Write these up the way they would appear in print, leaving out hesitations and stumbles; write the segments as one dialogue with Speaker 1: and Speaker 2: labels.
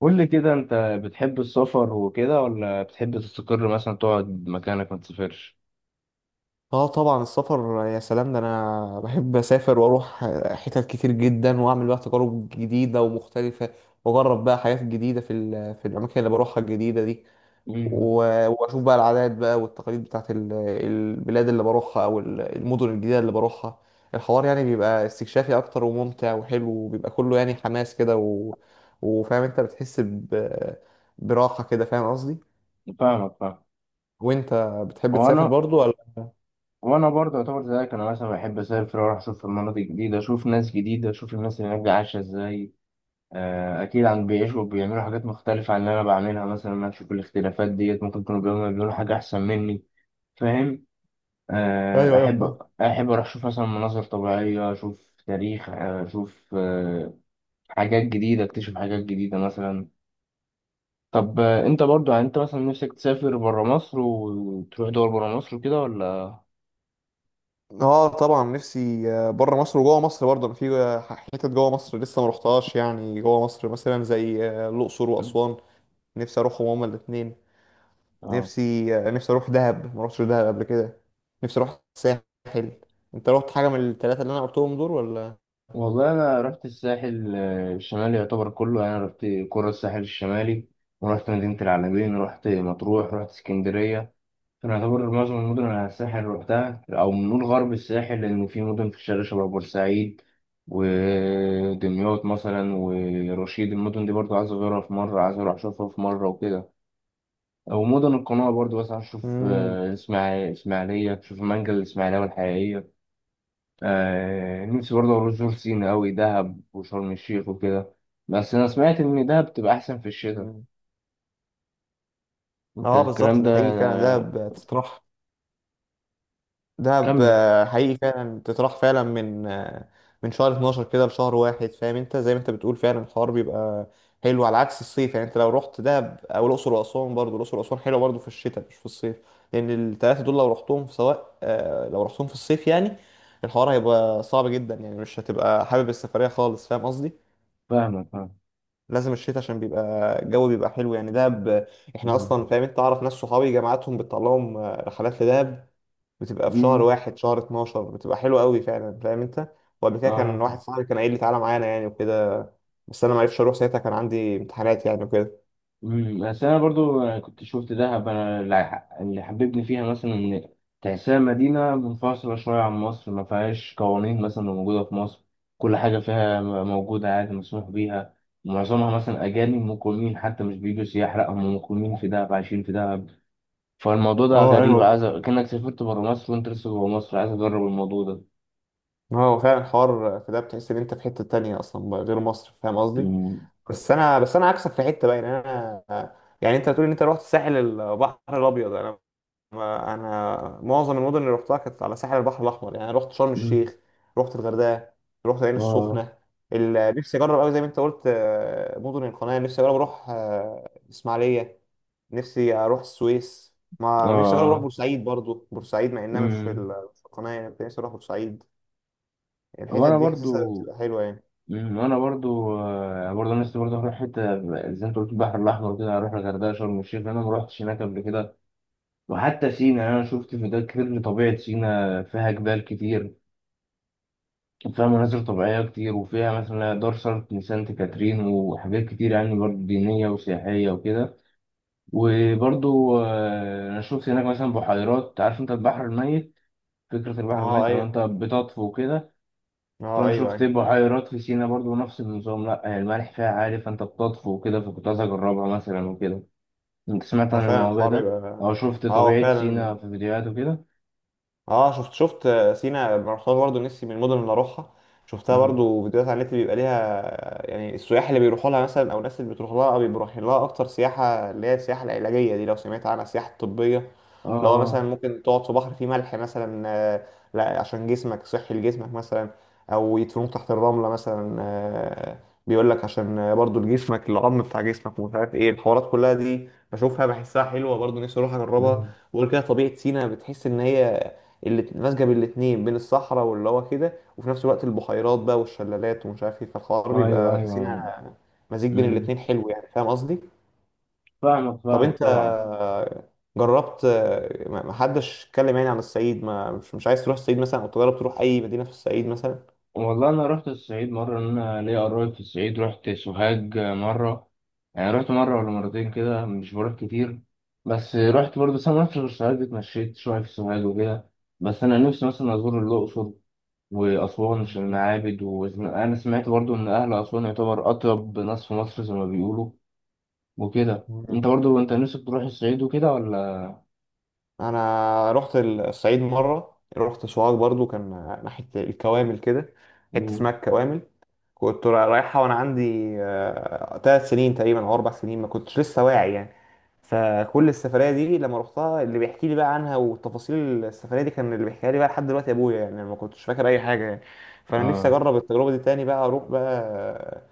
Speaker 1: قول لي كده انت بتحب السفر وكده، ولا بتحب تستقر مثلا تقعد مكانك ما تسافرش؟
Speaker 2: اه، طبعا السفر يا سلام! ده انا بحب اسافر واروح حتت كتير جدا، واعمل بقى تجارب جديده ومختلفه، واجرب بقى حاجات جديده في الاماكن اللي بروحها الجديده دي.
Speaker 1: مم.
Speaker 2: واشوف بقى العادات بقى والتقاليد بتاعت البلاد اللي بروحها، او المدن الجديده اللي بروحها. الحوار يعني بيبقى استكشافي اكتر وممتع وحلو، وبيبقى كله يعني حماس كده، و... وفاهم انت بتحس ب... براحه كده، فاهم قصدي؟
Speaker 1: فاهمك فاهم.
Speaker 2: وانت، بتحب تسافر
Speaker 1: وانا
Speaker 2: برضو ولا؟
Speaker 1: وانا برضه يعتبر زيك، انا مثلا بحب اسافر واروح اشوف مناطق جديده، اشوف ناس جديده، اشوف الناس اللي هناك دي عايشه ازاي. اكيد عن بيعيشوا بيعملوا حاجات مختلفه عن اللي انا بعملها، مثلا انا اشوف الاختلافات ديت، ممكن يكونوا بيعملوا حاجه احسن مني. فاهم. آه،
Speaker 2: ايوه، ايوه،
Speaker 1: احب
Speaker 2: فاهم.
Speaker 1: احب اروح اشوف مثلا مناظر طبيعيه، اشوف تاريخ، اشوف حاجات جديده، اكتشف حاجات جديده مثلا. طب انت برضو، يعني انت مثلا نفسك تسافر برا مصر وتروح دول برا مصر وكده ولا؟
Speaker 2: اه طبعا، نفسي بره مصر وجوه مصر برضه، انا في حتت جوه مصر لسه ما رحتهاش، يعني جوه مصر مثلا زي الاقصر واسوان، نفسي اروحهم هما الاثنين.
Speaker 1: اه.
Speaker 2: نفسي اروح دهب، ما رحتش دهب قبل كده، نفسي اروح الساحل. انت رحت حاجه من الثلاثه اللي انا قلتهم دول ولا؟
Speaker 1: والله انا رحت الساحل الشمالي يعتبر كله، يعني رحت قرى الساحل الشمالي، ورحت مدينة العلمين، رحت مطروح، رحت اسكندرية. فانا يعتبر معظم المدن على الساحل روحتها، او نقول غرب الساحل، لان في مدن في الشرق شبه بورسعيد ودمياط مثلا ورشيد، المدن دي برضو عايز اغيرها في مرة، عايز اروح اشوفها في مرة وكده. ومدن القناة برضو، بس أشوف
Speaker 2: امم.
Speaker 1: إسماعيلية أشوف المانجا الإسماعيلية والحقيقية. نفسي برضو أروح جورج سينا أوي، دهب وشرم الشيخ وكده. بس أنا سمعت إن دهب بتبقى أحسن في الشتاء. أنت
Speaker 2: اه،
Speaker 1: الكلام
Speaker 2: بالظبط،
Speaker 1: ده
Speaker 2: ده حقيقي فعلا،
Speaker 1: آه؟
Speaker 2: دهب تتراح. دهب
Speaker 1: كمل.
Speaker 2: حقيقي فعلا تتراح فعلا من شهر 12 كده لشهر واحد، فاهم انت؟ زي ما انت بتقول فعلا الحوار بيبقى حلو، على عكس الصيف. يعني انت لو رحت دهب او الاقصر واسوان، برضو الاقصر واسوان حلوه برضو في الشتاء مش في الصيف. لان الثلاثه دول لو رحتهم في سواء، لو رحتهم في الصيف، يعني الحوار هيبقى صعب جدا، يعني مش هتبقى حابب السفريه خالص، فاهم قصدي؟
Speaker 1: فاهمك فاهم.
Speaker 2: لازم الشتاء عشان بيبقى الجو بيبقى حلو، يعني دهب، احنا
Speaker 1: مم.
Speaker 2: اصلا فاهم انت؟ اعرف ناس صحابي جامعاتهم بتطلعهم رحلات لدهب، بتبقى في شهر
Speaker 1: مم.
Speaker 2: واحد، شهر 12 بتبقى حلوة قوي فعلا، فاهم انت؟ وقبل كده
Speaker 1: أعرف.
Speaker 2: كان واحد صاحبي كان قايل لي تعالى معانا يعني وكده، بس انا ما عرفتش اروح ساعتها، كان عندي امتحانات يعني وكده.
Speaker 1: بس انا برضو كنت شفت دهب انا، اللي حببني فيها مثلا ان تحسها مدينه منفصله شويه عن مصر، ما فيهاش قوانين مثلا اللي موجوده في مصر. كل حاجه فيها موجوده عادي، مسموح بيها معظمها، مثلا اجانب مقيمين، حتى مش بيجوا سياح، لا هم مقيمين في دهب، عايشين في دهب. فالموضوع ده
Speaker 2: اه
Speaker 1: غريب،
Speaker 2: ايوه.
Speaker 1: عايز كأنك سافرت بره مصر وانت لسه جوه مصر، عايز اجرب الموضوع ده.
Speaker 2: هو فعلا حوار، في ده بتحس ان انت في حتة تانية اصلا غير مصر، فاهم قصدي؟
Speaker 1: مم.
Speaker 2: بس انا عكسك في حتة بقى، يعني انا، يعني انت بتقول ان انت رحت الساحل البحر الابيض، انا، ما انا معظم المدن اللي رحتها كانت على ساحل البحر الاحمر، يعني رحت شرم
Speaker 1: مم.
Speaker 2: الشيخ، رحت الغردقه، رحت العين
Speaker 1: اه
Speaker 2: السخنه. نفسي اجرب قوي زي ما انت قلت، مدن القناه، نفسي اجرب اروح اسماعيليه، نفسي اروح السويس، ما نفسي اجرب اروح
Speaker 1: اه.
Speaker 2: بورسعيد برضو، بورسعيد مع انها مش
Speaker 1: مم.
Speaker 2: مش في القناه، يعني كنت نفسي اروح بورسعيد. الحتت
Speaker 1: وانا
Speaker 2: دي حاسسها
Speaker 1: برضو.
Speaker 2: بتبقى حلوه يعني.
Speaker 1: وانا برضو، برضو انا لسه برضو هروح حته زي انت قلت البحر الاحمر كده، هروح الغردقه، شرم الشيخ، لان انا ما رحتش هناك قبل كده. وحتى سينا، يعني انا شفت فيديوهات كتير لطبيعه سينا، فيها جبال كتير، وفيها مناظر طبيعيه كتير، وفيها مثلا دار سانت كاترين، وحاجات كتير يعني، برضو دينيه وسياحيه وكده. وبرضو انا شفت هناك مثلا بحيرات، عارف انت البحر الميت، فكره البحر
Speaker 2: اه
Speaker 1: الميت لو
Speaker 2: ايوه.
Speaker 1: انت بتطفو كده؟
Speaker 2: اه،
Speaker 1: فانا
Speaker 2: ايوه،
Speaker 1: شفت
Speaker 2: ايوه،
Speaker 1: بحيرات في سينا برضو نفس النظام، لا يعني الملح فيها عالي فانت بتطفو وكده، فكنت عايز اجربها مثلا وكده. انت سمعت
Speaker 2: هو
Speaker 1: عن
Speaker 2: فعلا
Speaker 1: الموضوع
Speaker 2: الحوار
Speaker 1: ده
Speaker 2: يبقى...
Speaker 1: او شفت
Speaker 2: اه هو
Speaker 1: طبيعة سينا
Speaker 2: فعلا.
Speaker 1: في فيديوهات وكده؟
Speaker 2: اه، شفت سينا، أنا رحتها برضه، نفسي من المدن اللي اروحها. شفتها
Speaker 1: مم.
Speaker 2: برضه فيديوهات على النت، بيبقى ليها يعني السياح اللي بيروحوا لها مثلا، او الناس اللي بتروح لها بيبقوا رايحين لها اكتر سياحه، اللي هي السياحه العلاجيه دي، لو سمعت عنها، السياحه الطبيه،
Speaker 1: اه
Speaker 2: اللي هو مثلا
Speaker 1: اه.
Speaker 2: ممكن تقعد في بحر فيه ملح مثلا، لا عشان جسمك، صحي لجسمك مثلا، او يدفنوك تحت الرمله مثلا، بيقول لك عشان برضه لجسمك، العظم بتاع جسمك ومش عارف ايه، الحوارات كلها دي بشوفها بحسها حلوة، برضه نفسي اروح اجربها.
Speaker 1: مم.
Speaker 2: وغير كده طبيعة سينا، بتحس ان هي اللي ماسكه بالاتنين، بين الصحراء واللي هو كده، وفي نفس الوقت البحيرات بقى والشلالات ومش عارف ايه، فالحوار
Speaker 1: ايوه
Speaker 2: بيبقى في
Speaker 1: ايوه.
Speaker 2: سينا مزيج بين
Speaker 1: مم.
Speaker 2: الاتنين، حلو يعني، فاهم قصدي؟
Speaker 1: فاهمك
Speaker 2: طب
Speaker 1: فاهمك
Speaker 2: انت،
Speaker 1: طبعا.
Speaker 2: جربت... ما حدش اتكلم يعني عن الصعيد، ما مش عايز تروح الصعيد مثلا، او تجرب تروح اي مدينه في الصعيد مثلا؟
Speaker 1: والله انا رحت الصعيد مرة، إن انا ليا قرايب في الصعيد، رحت سوهاج مرة، يعني رحت مرة ولا مرتين كده، مش بروح كتير. بس رحت برضه، بس انا ما رحتش غير سوهاج، اتمشيت شوية في سوهاج وكده. بس انا نفسي مثلا ازور الاقصر وأسوان في المعابد، وأنا سمعت برضو إن أهل أسوان يعتبر أطيب ناس في مصر زي ما بيقولوا وكده.
Speaker 2: مم.
Speaker 1: أنت برضو أنت نفسك تروح الصعيد وكده ولا؟
Speaker 2: انا رحت الصعيد مره، رحت سوهاج برضو، كان ناحيه الكوامل كده، حته اسمها
Speaker 1: مم.
Speaker 2: الكوامل، كنت رايحه وانا عندي 3 سنين تقريبا او 4 سنين، ما كنتش لسه واعي يعني. فكل السفريه دي لما رحتها، اللي بيحكي لي بقى عنها وتفاصيل السفريه دي كان اللي بيحكيها لي بقى لحد دلوقتي ابويا، يعني أنا ما كنتش فاكر اي حاجه يعني. فانا نفسي
Speaker 1: آه.
Speaker 2: اجرب التجربه دي تاني، بقى اروح بقى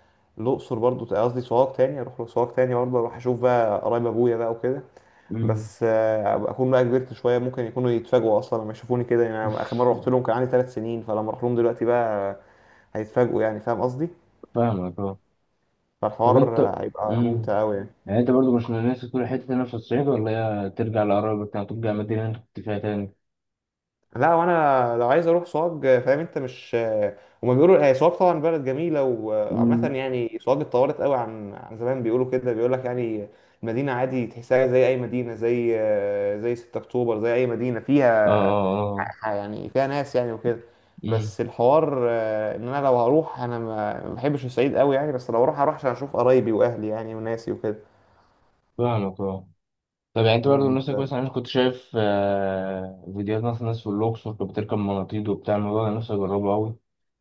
Speaker 2: الاقصر، برضو قصدي سوهاج، تاني اروح سوهاج تاني، برضو اروح اشوف بقى قرايب ابويا بقى وكده.
Speaker 1: مم.
Speaker 2: بس أبقى اكون بقى كبرت شويه، ممكن يكونوا يتفاجئوا اصلا لما يشوفوني كده، يعني أنا اخر مره رحت لهم كان عندي 3 سنين، فلما اروح لهم دلوقتي بقى هيتفاجئوا يعني، فاهم قصدي؟
Speaker 1: فاهمك أه. طب
Speaker 2: فالحوار
Speaker 1: أنت.
Speaker 2: هيبقى
Speaker 1: مم.
Speaker 2: ممتع قوي يعني.
Speaker 1: يعني أنت برضو مش من نفسك تروح حتة هنا في الصعيد، ولا هي ترجع لقرايبك تاني، ترجع المدينة اللي أنت كنت فيها تاني؟
Speaker 2: لا، وانا لو عايز اروح سوهاج، فاهم انت؟ مش هما بيقولوا هي سوهاج طبعا بلد جميله وعامه،
Speaker 1: مم.
Speaker 2: يعني سوهاج اتطورت قوي عن زمان، بيقولوا كده، بيقول لك يعني المدينه عادي، تحسها زي اي مدينه، زي زي 6 اكتوبر، زي اي مدينه فيها
Speaker 1: آه آه آه.
Speaker 2: يعني فيها ناس يعني وكده.
Speaker 1: مم.
Speaker 2: بس الحوار ان انا لو هروح انا ما بحبش الصعيد قوي يعني، بس لو اروح هروح عشان اشوف قرايبي واهلي يعني وناسي وكده.
Speaker 1: فاهمك أه. طب يعني انت برضه
Speaker 2: امم.
Speaker 1: نفسك كويس، انا كنت شايف فيديوهات مثلا ناس في الاقصر كانت بتركب مناطيد وبتاع، الموضوع ده نفسي اجربه قوي.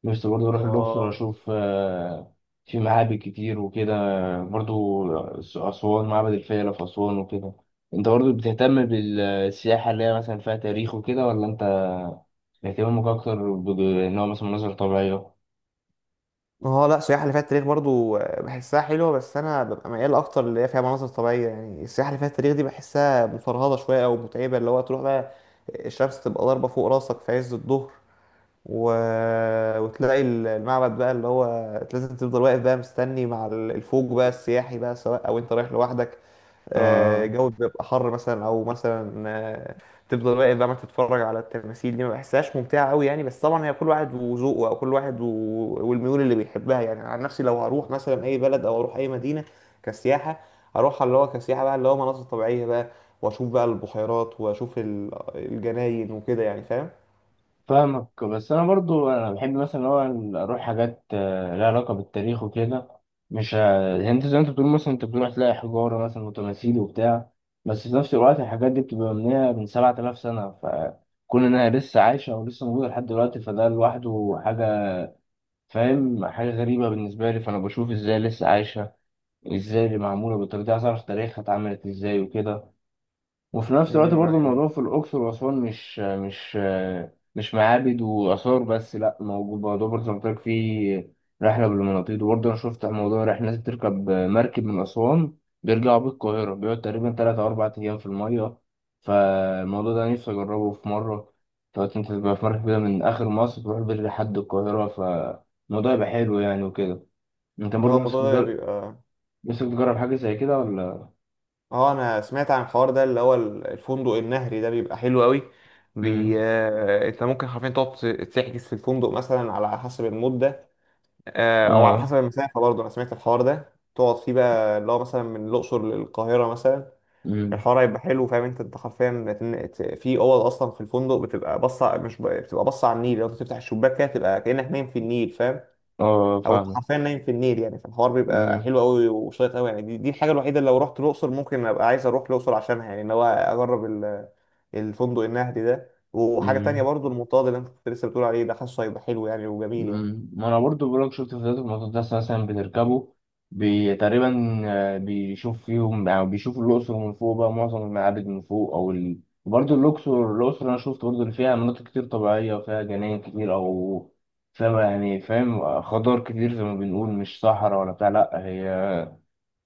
Speaker 1: نفسي برضه اروح الاقصر
Speaker 2: اه،
Speaker 1: اشوف، في معابد كتير وكده. برضه اسوان، معبد الفيلة في اسوان وكده. انت برضه بتهتم بالسياحة اللي هي مثلا فيها تاريخ وكده، ولا انت اهتمامك اكتر ان هو مثلا مناظر طبيعية؟
Speaker 2: اه. لا، السياحه اللي فيها التاريخ برضو بحسها حلوه، بس انا ببقى ميال اكتر اللي هي فيها مناظر طبيعيه، يعني السياحه اللي فيها التاريخ دي بحسها مفرهده شويه او متعبه، اللي هو تروح بقى الشمس تبقى ضاربه فوق راسك في عز الظهر، و... وتلاقي المعبد بقى اللي هو لازم تفضل واقف بقى مستني مع الفوج بقى السياحي بقى، سواء او انت رايح لوحدك،
Speaker 1: اه.
Speaker 2: الجو بيبقى حر مثلا، او مثلا تفضل واقف بقى ما تتفرج على التماثيل دي، ما بحسهاش ممتعه قوي يعني، بس طبعا هي كل واحد وذوقه، او كل واحد و... والميول اللي بيحبها يعني. عن نفسي لو هروح مثلا اي بلد او اروح اي مدينه كسياحه، اروح اللي هو كسياحه بقى اللي هو مناظر طبيعيه بقى، واشوف بقى البحيرات واشوف الجناين وكده يعني، فاهم؟
Speaker 1: فاهمك. بس انا برضو انا بحب مثلا ان هو اروح حاجات لها علاقه بالتاريخ وكده. مش ه- يعني انت زي ما انت بتقول، مثلا انت بتروح تلاقي حجاره مثلا وتماثيل وبتاع، بس في نفس الوقت الحاجات دي بتبقى مبنيه من 7000 سنه، فكون انها لسه عايشه ولسه موجوده لحد دلوقتي، فده لوحده حاجه، فاهم، حاجه غريبه بالنسبه لي. فانا بشوف ازاي لسه عايشه، ازاي اللي معموله بالطريقه دي، عايز اعرف تاريخها اتعملت ازاي وكده. وفي نفس الوقت
Speaker 2: مم،
Speaker 1: برضو الموضوع في الأقصر وأسوان مش معابد وآثار بس، لأ موجود موضوع برضو زي ما قلت لك، فيه رحلة بالمناطيد، وبرضو أنا شفت موضوع رحلة ناس بتركب مركب من أسوان بيرجعوا بالقاهرة، بيقعد تقريبا 3 أو 4 أيام في المية. فالموضوع ده نفسي أجربه في مرة. تقعد أنت تبقى في مركب كده من آخر مصر تروح بيه لحد القاهرة، فالموضوع يبقى حلو يعني وكده. أنت برضو
Speaker 2: هو
Speaker 1: نفسك
Speaker 2: الموضوع ده
Speaker 1: تجرب
Speaker 2: بيبقى...
Speaker 1: نفسك تجرب حاجة زي كده ولا؟
Speaker 2: اه انا سمعت عن الحوار ده، اللي هو الفندق النهري ده بيبقى حلو قوي، بي...
Speaker 1: مم.
Speaker 2: انت ممكن حرفيا تقعد تحجز في الفندق مثلا على حسب المدة، او على
Speaker 1: آه.
Speaker 2: حسب المسافة برضه، انا سمعت الحوار ده تقعد فيه بقى، اللي هو مثلا من الاقصر للقاهرة مثلا.
Speaker 1: مم.
Speaker 2: الحوار هيبقى حلو، فاهم انت حرفيا في اوض اصلا في الفندق بتبقى باصه، مش بتبقى باصه على النيل، لو انت تفتح الشباك كده تبقى كأنك نايم في النيل، فاهم؟
Speaker 1: اه
Speaker 2: او انت
Speaker 1: فاهم.
Speaker 2: حرفيا نايم في النيل يعني، فالحوار بيبقى
Speaker 1: مم.
Speaker 2: حلو قوي وشيق قوي يعني، دي الحاجه الوحيده اللي لو رحت الاقصر ممكن ابقى عايز اروح الاقصر عشانها، يعني ان هو اجرب الفندق النهدي ده، وحاجه تانية
Speaker 1: مم.
Speaker 2: برضو المنطاد اللي انت كنت لسه بتقول عليه ده، حاسه هيبقى حلو يعني وجميل يعني.
Speaker 1: مم. ما انا برضو بقولك شفت فيديوهات المقدسة مثلا بتركبوا بي تقريبا، بيشوف فيهم، يعني بيشوفوا الأقصر من فوق بقى، معظم المعابد من فوق، أو برضو الأقصر أنا شفت برضو اللي فيها مناطق كتير طبيعية، وفيها جناين كتير أو، فاهم يعني، فاهم، خضار كتير زي ما بنقول، مش صحراء ولا بتاع، لأ هي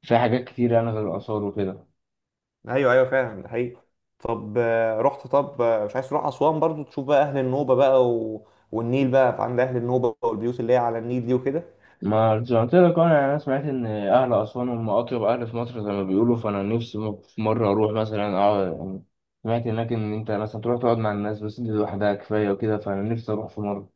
Speaker 1: فيها حاجات كتير يعني غير
Speaker 2: مم.
Speaker 1: الآثار وكده.
Speaker 2: ايوه، ايوه، فعلا ده حقيقي. طب آه، رحت طب آه، مش عايز تروح اسوان برضو، تشوف بقى اهل النوبه بقى و... والنيل بقى، فعند اهل النوبه والبيوت اللي هي على النيل دي وكده.
Speaker 1: ما زي ما قلت لك، انا سمعت ان اهل اسوان هم اطيب اهل في مصر زي ما بيقولوا، فانا نفسي في مره اروح مثلا اقعد، يعني سمعت هناك ان انت مثلا تروح تقعد مع الناس بس، دي لوحدها كفايه وكده، فانا نفسي اروح في مره.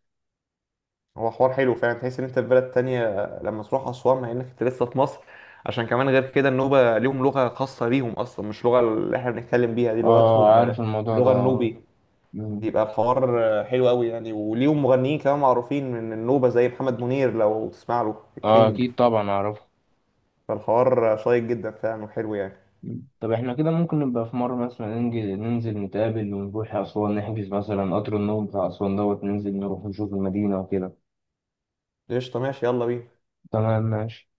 Speaker 2: هو حوار حلو فعلا، تحس ان انت في بلد تانية لما تروح اسوان، مع انك انت لسه في مصر. عشان كمان غير كده النوبة ليهم لغة خاصة بيهم اصلا، مش لغة اللي احنا بنتكلم بيها، دي
Speaker 1: اه
Speaker 2: لغتهم،
Speaker 1: عارف الموضوع ده.
Speaker 2: لغة النوبي.
Speaker 1: مم.
Speaker 2: يبقى الحوار حلو قوي يعني، وليهم مغنيين كمان معروفين من النوبة زي محمد منير، لو تسمع له،
Speaker 1: اه
Speaker 2: الكينج.
Speaker 1: اكيد طبعا اعرفه.
Speaker 2: فالحوار شيق جدا فعلا وحلو يعني.
Speaker 1: مم. طب احنا كده ممكن نبقى في مره مثلا ننزل نتقابل ونروح اسوان، نحجز مثلا قطر النوم بتاع اسوان، دوت ننزل نروح نشوف المدينه وكده.
Speaker 2: قشطة، ماشي، يلا بينا.
Speaker 1: تمام ماشي.